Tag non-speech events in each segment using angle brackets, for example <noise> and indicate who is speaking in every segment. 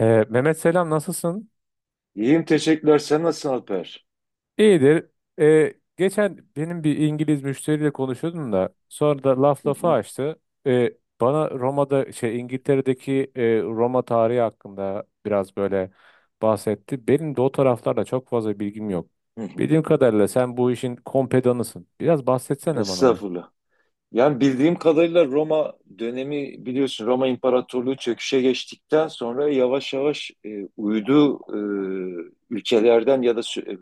Speaker 1: Mehmet, selam, nasılsın?
Speaker 2: İyiyim, teşekkürler. Sen nasılsın, Alper?
Speaker 1: İyidir. Geçen benim bir İngiliz müşteriyle konuşuyordum da sonra da laf
Speaker 2: Hı
Speaker 1: lafı
Speaker 2: hı,
Speaker 1: açtı. Ee, bana Roma'da şey İngiltere'deki Roma tarihi hakkında biraz böyle bahsetti. Benim de o taraflarda çok fazla bilgim yok.
Speaker 2: hı hı.
Speaker 1: Bildiğim kadarıyla sen bu işin kompedanısın. Biraz bahsetsene bana ya.
Speaker 2: Estağfurullah. Yani bildiğim kadarıyla Roma dönemi, biliyorsun, Roma İmparatorluğu çöküşe geçtikten sonra yavaş yavaş uydu ülkelerden ya da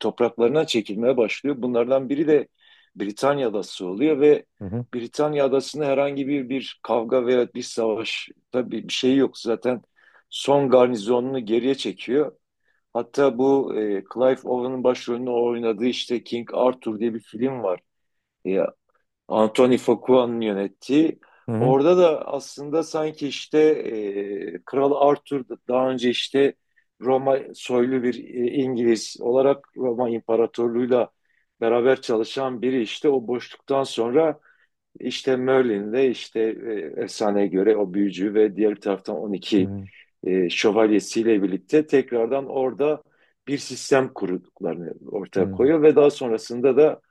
Speaker 2: topraklarına çekilmeye başlıyor. Bunlardan biri de Britanya Adası oluyor ve
Speaker 1: Hı hı
Speaker 2: Britanya Adası'nda herhangi bir kavga veya bir savaş, tabii bir şey yok. Zaten son garnizonunu geriye çekiyor. Hatta bu Clive Owen'ın başrolünü oynadığı, işte King Arthur diye bir film var. E, Anthony Fuqua'nın yönettiği.
Speaker 1: hı hı
Speaker 2: Orada da aslında sanki işte Kral daha önce işte Roma soylu bir İngiliz olarak Roma İmparatorluğu'yla beraber çalışan biri, işte o boşluktan sonra işte Merlin'de işte efsaneye göre o büyücü ve diğer bir taraftan 12
Speaker 1: hı
Speaker 2: şövalyesiyle birlikte tekrardan orada bir sistem kurduklarını ortaya
Speaker 1: hı
Speaker 2: koyuyor ve daha sonrasında da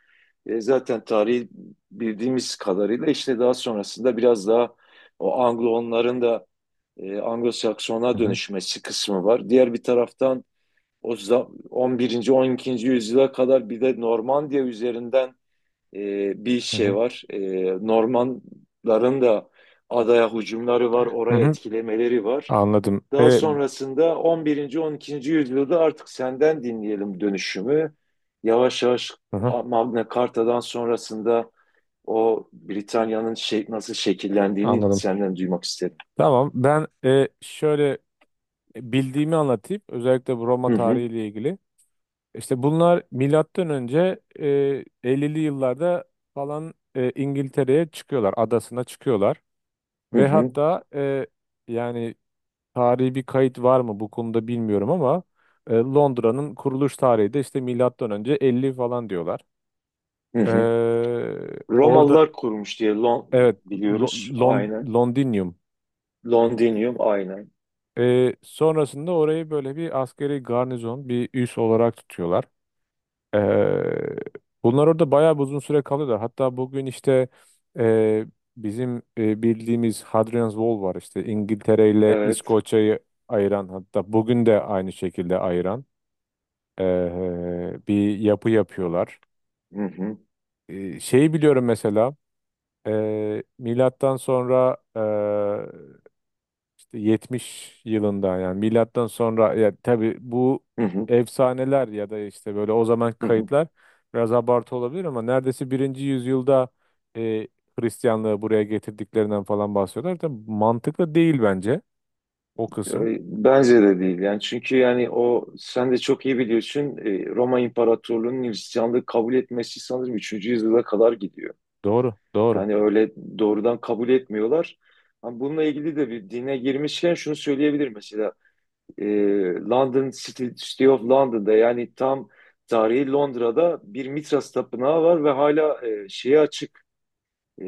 Speaker 2: zaten tarihi bildiğimiz kadarıyla işte daha sonrasında biraz daha o Anglo-onların da Anglo-Sakson'a
Speaker 1: hı hı
Speaker 2: dönüşmesi kısmı var. Diğer bir taraftan 11. 12. yüzyıla kadar bir de Normandiya üzerinden bir
Speaker 1: hı
Speaker 2: şey
Speaker 1: hı.
Speaker 2: var. Normanların da adaya hücumları var,
Speaker 1: Hı
Speaker 2: oraya
Speaker 1: hı.
Speaker 2: etkilemeleri var.
Speaker 1: Anladım.
Speaker 2: Daha
Speaker 1: Ee,
Speaker 2: sonrasında on birinci, on ikinci yüzyılda artık senden dinleyelim dönüşümü. Yavaş yavaş
Speaker 1: hı hı,
Speaker 2: Magna Carta'dan sonrasında o Britanya'nın şey, nasıl şekillendiğini
Speaker 1: anladım.
Speaker 2: senden duymak isterim.
Speaker 1: Tamam, ben şöyle bildiğimi anlatayım. Özellikle bu Roma
Speaker 2: Hı hı,
Speaker 1: tarihiyle ilgili. İşte bunlar milattan önce 50'li yıllarda falan İngiltere'ye çıkıyorlar, adasına çıkıyorlar
Speaker 2: hı
Speaker 1: ve
Speaker 2: hı,
Speaker 1: hatta yani tarihi bir kayıt var mı bu konuda bilmiyorum ama Londra'nın kuruluş tarihi de işte milattan önce 50 falan diyorlar.
Speaker 2: hı
Speaker 1: E,
Speaker 2: hı.
Speaker 1: orada
Speaker 2: Romalılar kurmuş diye Lon
Speaker 1: evet,
Speaker 2: biliyoruz. Aynen.
Speaker 1: Londinium.
Speaker 2: Londinium, aynen.
Speaker 1: Sonrasında orayı böyle bir askeri garnizon, bir üs olarak tutuyorlar. Eee, bunlar orada bayağı bir uzun süre kalıyorlar. Hatta bugün işte eee, bizim bildiğimiz Hadrian's Wall var işte, İngiltere ile
Speaker 2: Evet.
Speaker 1: İskoçya'yı ayıran, hatta bugün de aynı şekilde ayıran bir yapı yapıyorlar.
Speaker 2: Hı hı,
Speaker 1: Şeyi biliyorum mesela, milattan sonra 70 yılında, yani milattan sonra, ya tabii bu
Speaker 2: hı hı,
Speaker 1: efsaneler ya da işte böyle o zaman
Speaker 2: hı hı.
Speaker 1: kayıtlar biraz abartı olabilir ama neredeyse birinci yüzyılda e, Hristiyanlığı buraya getirdiklerinden falan bahsediyorlar. Tabii mantıklı değil bence o kısım.
Speaker 2: Bence de değil yani, çünkü yani o, sen de çok iyi biliyorsun, Roma İmparatorluğu'nun Hristiyanlığı kabul etmesi sanırım üçüncü yüzyıla kadar gidiyor.
Speaker 1: Doğru, doğru.
Speaker 2: Yani öyle doğrudan kabul etmiyorlar. Ama bununla ilgili de, bir dine girmişken şunu söyleyebilirim mesela, e, London City, City of London'da, yani tam tarihi Londra'da bir Mitras tapınağı var ve hala şeye açık,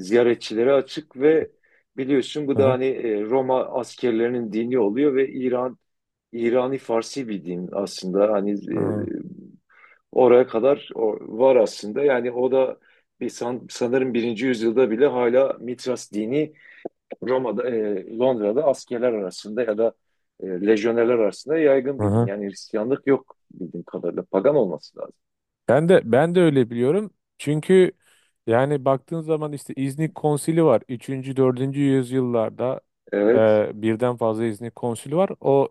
Speaker 2: ziyaretçilere açık. Ve biliyorsun, bu
Speaker 1: Hı
Speaker 2: da
Speaker 1: hı,
Speaker 2: hani Roma askerlerinin dini oluyor ve İran, İrani Farsi bir din aslında. Hani oraya kadar var aslında. Yani o da bir sanırım birinci yüzyılda bile hala Mitras dini Roma'da, Londra'da askerler arasında ya da lejyonerler arasında yaygın
Speaker 1: hı
Speaker 2: bir din.
Speaker 1: hı.
Speaker 2: Yani Hristiyanlık yok bildiğim kadarıyla, pagan olması lazım.
Speaker 1: Ben de öyle biliyorum. Çünkü yani baktığın zaman işte İznik Konsili var. 3. 4. yüzyıllarda
Speaker 2: Evet.
Speaker 1: birden fazla İznik Konsili var. O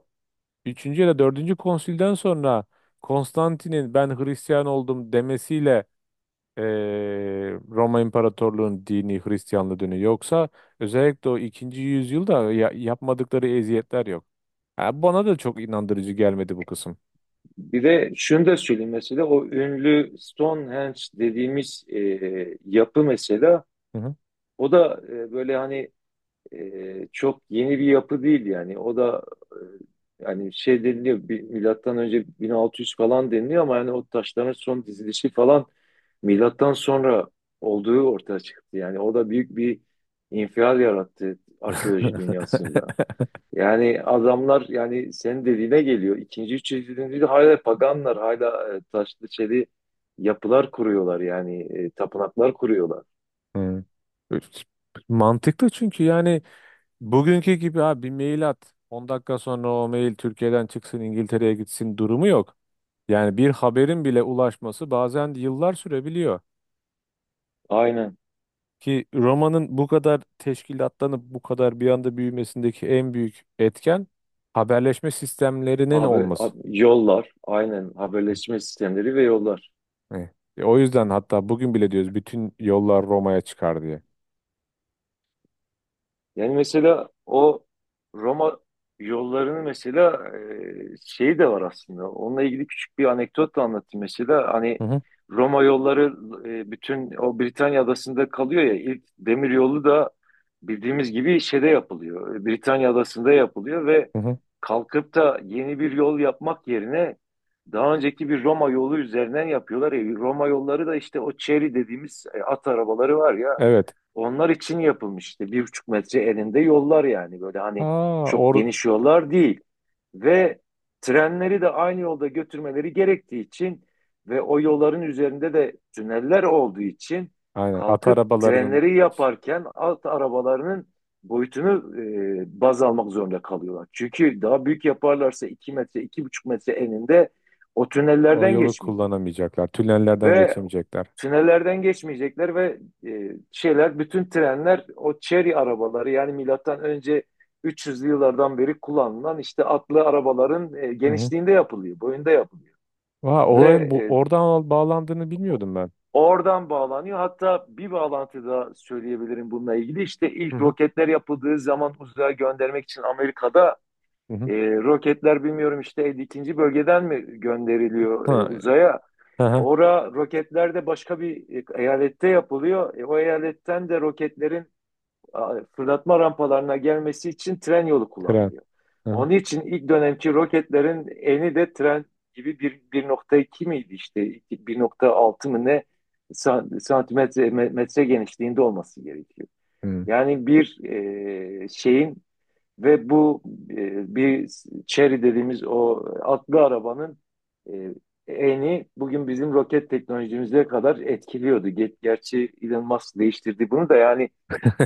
Speaker 1: üçüncü ya da dördüncü konsülden sonra Konstantin'in "ben Hristiyan oldum" demesiyle eee, Roma İmparatorluğu'nun dini Hristiyanlığı dönüyor. Yoksa özellikle o ikinci yüzyılda yapmadıkları eziyetler yok. Ha, bana da çok inandırıcı gelmedi bu kısım.
Speaker 2: Bir de şunu da söyleyeyim mesela, o ünlü Stonehenge dediğimiz yapı mesela,
Speaker 1: Hı hı.
Speaker 2: o da böyle hani çok yeni bir yapı değil. Yani o da hani şey deniliyor, milattan önce 1600 falan deniliyor, ama yani o taşların son dizilişi falan milattan sonra olduğu ortaya çıktı. Yani o da büyük bir infial yarattı arkeoloji dünyasında.
Speaker 1: <laughs>
Speaker 2: Yani adamlar, yani senin dediğine geliyor. İkinci, üçüncü yüzyılda hala paganlar, hala taşlı çeli yapılar kuruyorlar, yani tapınaklar kuruyorlar.
Speaker 1: Hı. Mantıklı, çünkü yani bugünkü gibi ha bir mail at, 10 dakika sonra o mail Türkiye'den çıksın İngiltere'ye gitsin durumu yok. Yani bir haberin bile ulaşması bazen yıllar sürebiliyor.
Speaker 2: Aynen.
Speaker 1: Ki Roma'nın bu kadar teşkilatlanıp bu kadar bir anda büyümesindeki en büyük etken haberleşme sistemlerinin
Speaker 2: Haber,
Speaker 1: olması.
Speaker 2: yollar, aynen, haberleşme sistemleri ve yollar.
Speaker 1: Hani, o yüzden hatta bugün bile diyoruz bütün yollar Roma'ya çıkar diye.
Speaker 2: Yani mesela o Roma yollarını mesela şeyi de var aslında. Onunla ilgili küçük bir anekdot da anlatayım mesela. Hani
Speaker 1: Hı hı,
Speaker 2: Roma yolları bütün o Britanya adasında kalıyor ya. İlk demir yolu da bildiğimiz gibi şeyde yapılıyor, Britanya adasında yapılıyor. Ve
Speaker 1: hı hı.
Speaker 2: kalkıp da yeni bir yol yapmak yerine daha önceki bir Roma yolu üzerinden yapıyorlar. E, Roma yolları da işte o çeri dediğimiz at arabaları var ya.
Speaker 1: Evet.
Speaker 2: Onlar için yapılmış işte bir buçuk metre eninde yollar, yani böyle hani
Speaker 1: Aa,
Speaker 2: çok geniş yollar değil. Ve trenleri de aynı yolda götürmeleri gerektiği için ve o yolların üzerinde de tüneller olduğu için,
Speaker 1: aynen, at
Speaker 2: kalkıp
Speaker 1: arabalarının
Speaker 2: trenleri yaparken alt arabalarının boyutunu baz almak zorunda kalıyorlar. Çünkü daha büyük yaparlarsa iki metre, iki buçuk metre eninde o
Speaker 1: o
Speaker 2: tünellerden
Speaker 1: yolu
Speaker 2: geçmeyecek.
Speaker 1: kullanamayacaklar. Tünellerden
Speaker 2: Ve
Speaker 1: geçemeyecekler.
Speaker 2: tünellerden geçmeyecekler ve şeyler, bütün trenler o Chery arabaları, yani milattan önce 300'lü yıllardan beri kullanılan işte atlı arabaların
Speaker 1: Hı hı.
Speaker 2: genişliğinde yapılıyor, boyunda yapılıyor.
Speaker 1: Vay,
Speaker 2: Ve
Speaker 1: olayın bu oradan bağlandığını bilmiyordum ben.
Speaker 2: oradan bağlanıyor. Hatta bir bağlantı da söyleyebilirim bununla ilgili. İşte
Speaker 1: Hı
Speaker 2: ilk
Speaker 1: hı,
Speaker 2: roketler yapıldığı zaman uzaya göndermek için Amerika'da
Speaker 1: hı hı.
Speaker 2: roketler, bilmiyorum işte elli ikinci bölgeden mi gönderiliyor
Speaker 1: Ha,
Speaker 2: uzaya?
Speaker 1: hı hı,
Speaker 2: Ora roketler de başka bir eyalette yapılıyor. E, o eyaletten de roketlerin fırlatma rampalarına gelmesi için tren yolu
Speaker 1: tren.
Speaker 2: kullanılıyor.
Speaker 1: Hı hı.
Speaker 2: Onun için ilk dönemki roketlerin eni de tren gibi bir 1.2 miydi işte, bir nokta altı mı ne, santimetre metre genişliğinde olması gerekiyor.
Speaker 1: Hmm.
Speaker 2: Yani bir şeyin ve bu bir Chery dediğimiz o atlı arabanın e, eni bugün bizim roket teknolojimize kadar etkiliyordu. Gerçi Elon Musk değiştirdi bunu da, yani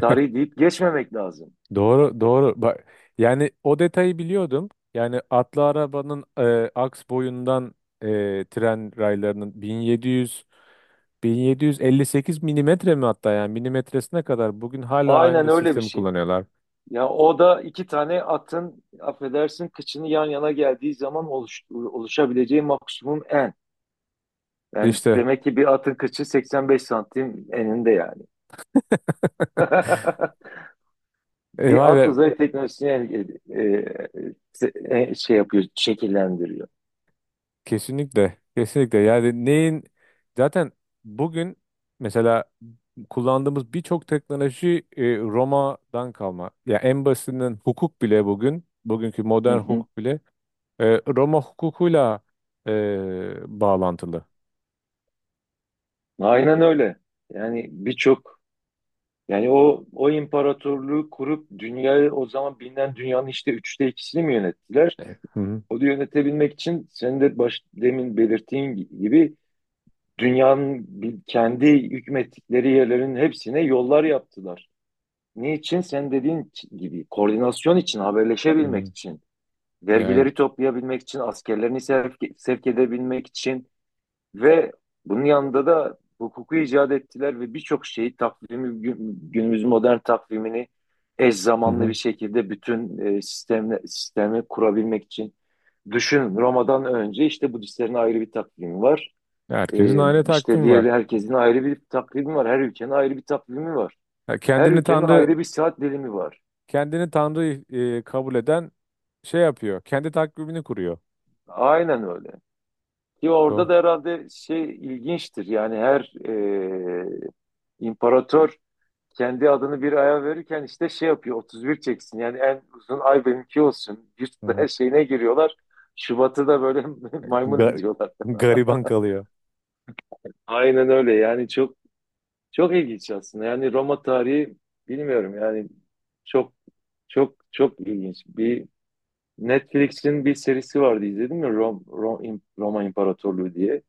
Speaker 2: tarih deyip geçmemek lazım.
Speaker 1: Doğru, doğru. Bak, yani o detayı biliyordum. Yani atlı arabanın aks boyundan, tren raylarının 1700, 1758 milimetre mi, hatta yani milimetresine kadar bugün hala
Speaker 2: Aynen,
Speaker 1: aynı
Speaker 2: öyle bir
Speaker 1: sistemi
Speaker 2: şey.
Speaker 1: kullanıyorlar.
Speaker 2: Ya o da iki tane atın, affedersin, kıçını yan yana geldiği zaman oluşabileceği maksimum en. Yani
Speaker 1: İşte
Speaker 2: demek ki bir atın kıçı 85 santim eninde yani. <laughs> bir
Speaker 1: vay
Speaker 2: alt
Speaker 1: be,
Speaker 2: uzay teknolojisini şey yapıyor, şekillendiriyor.
Speaker 1: kesinlikle, kesinlikle. Yani neyin, zaten bugün mesela kullandığımız birçok teknoloji Roma'dan kalma. Ya en basitinden hukuk bile, bugün bugünkü
Speaker 2: Hı
Speaker 1: modern
Speaker 2: hı.
Speaker 1: hukuk bile E, Roma hukukuyla e, bağlantılı.
Speaker 2: Aynen öyle. Yani birçok, yani o imparatorluğu kurup dünyayı, o zaman bilinen dünyanın işte üçte ikisini mi yönettiler?
Speaker 1: Evet. Hı hı.
Speaker 2: O da yönetebilmek için, senin de baş, demin belirttiğin gibi, dünyanın kendi hükmettikleri yerlerin hepsine yollar yaptılar. Niçin? Sen dediğin gibi koordinasyon için, haberleşebilmek
Speaker 1: Hı.
Speaker 2: için,
Speaker 1: Yani,
Speaker 2: vergileri toplayabilmek için, askerlerini sevk edebilmek için. Ve bunun yanında da hukuku icat ettiler ve birçok şeyi, takvimi, günümüz modern takvimini eş
Speaker 1: hı
Speaker 2: zamanlı bir
Speaker 1: hı.
Speaker 2: şekilde bütün sistemi kurabilmek için. Düşün, Roma'dan önce işte Budistlerin ayrı bir takvimi var.
Speaker 1: Herkesin
Speaker 2: E,
Speaker 1: aynı
Speaker 2: işte
Speaker 1: takvim
Speaker 2: diğer
Speaker 1: var.
Speaker 2: herkesin ayrı bir takvimi var. Her ülkenin ayrı bir takvimi var.
Speaker 1: Ha,
Speaker 2: Her
Speaker 1: kendini
Speaker 2: ülkenin
Speaker 1: tanrı
Speaker 2: ayrı bir saat dilimi var.
Speaker 1: kendini tanrı kabul eden şey yapıyor. Kendi takvimini kuruyor.
Speaker 2: Aynen öyle. Ki orada
Speaker 1: Doğru.
Speaker 2: da herhalde şey ilginçtir. Yani her imparator kendi adını bir aya verirken işte şey yapıyor, 31 çeksin. Yani en uzun ay benimki olsun. Bir
Speaker 1: Hı
Speaker 2: <laughs>
Speaker 1: hı.
Speaker 2: her şeyine giriyorlar. Şubat'ı da böyle <laughs> maymun
Speaker 1: Ga-
Speaker 2: ediyorlar.
Speaker 1: gariban kalıyor.
Speaker 2: Aynen öyle. Yani çok çok ilginç aslında. Yani Roma tarihi, bilmiyorum yani, çok çok ilginç. Bir Netflix'in bir serisi vardı, izledin mi? Roma İmparatorluğu diye.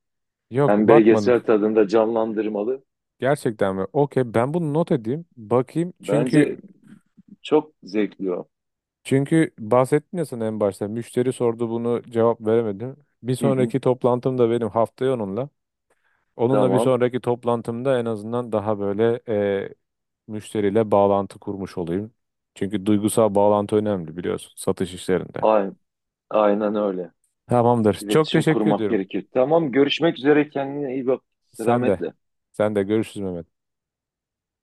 Speaker 1: Yok,
Speaker 2: Hem
Speaker 1: bakmadım.
Speaker 2: belgesel tadında, canlandırmalı.
Speaker 1: Gerçekten mi? Okey, ben bunu not edeyim. Bakayım.
Speaker 2: Bence
Speaker 1: Çünkü
Speaker 2: çok zevkli o.
Speaker 1: çünkü bahsettin ya sana en başta. Müşteri sordu, bunu cevap veremedim. Bir
Speaker 2: Hı hı,
Speaker 1: sonraki toplantım da benim haftaya onunla. Onunla bir
Speaker 2: tamam.
Speaker 1: sonraki toplantımda en azından daha böyle e, müşteriyle bağlantı kurmuş olayım. Çünkü duygusal bağlantı önemli, biliyorsun, satış işlerinde.
Speaker 2: Aynen, aynen öyle.
Speaker 1: Tamamdır. Çok
Speaker 2: İletişim
Speaker 1: teşekkür
Speaker 2: kurmak
Speaker 1: ediyorum.
Speaker 2: gerekir. Tamam, görüşmek üzere. Kendine iyi bak.
Speaker 1: Sen de.
Speaker 2: Selametle.
Speaker 1: Sen de, görüşürüz Mehmet.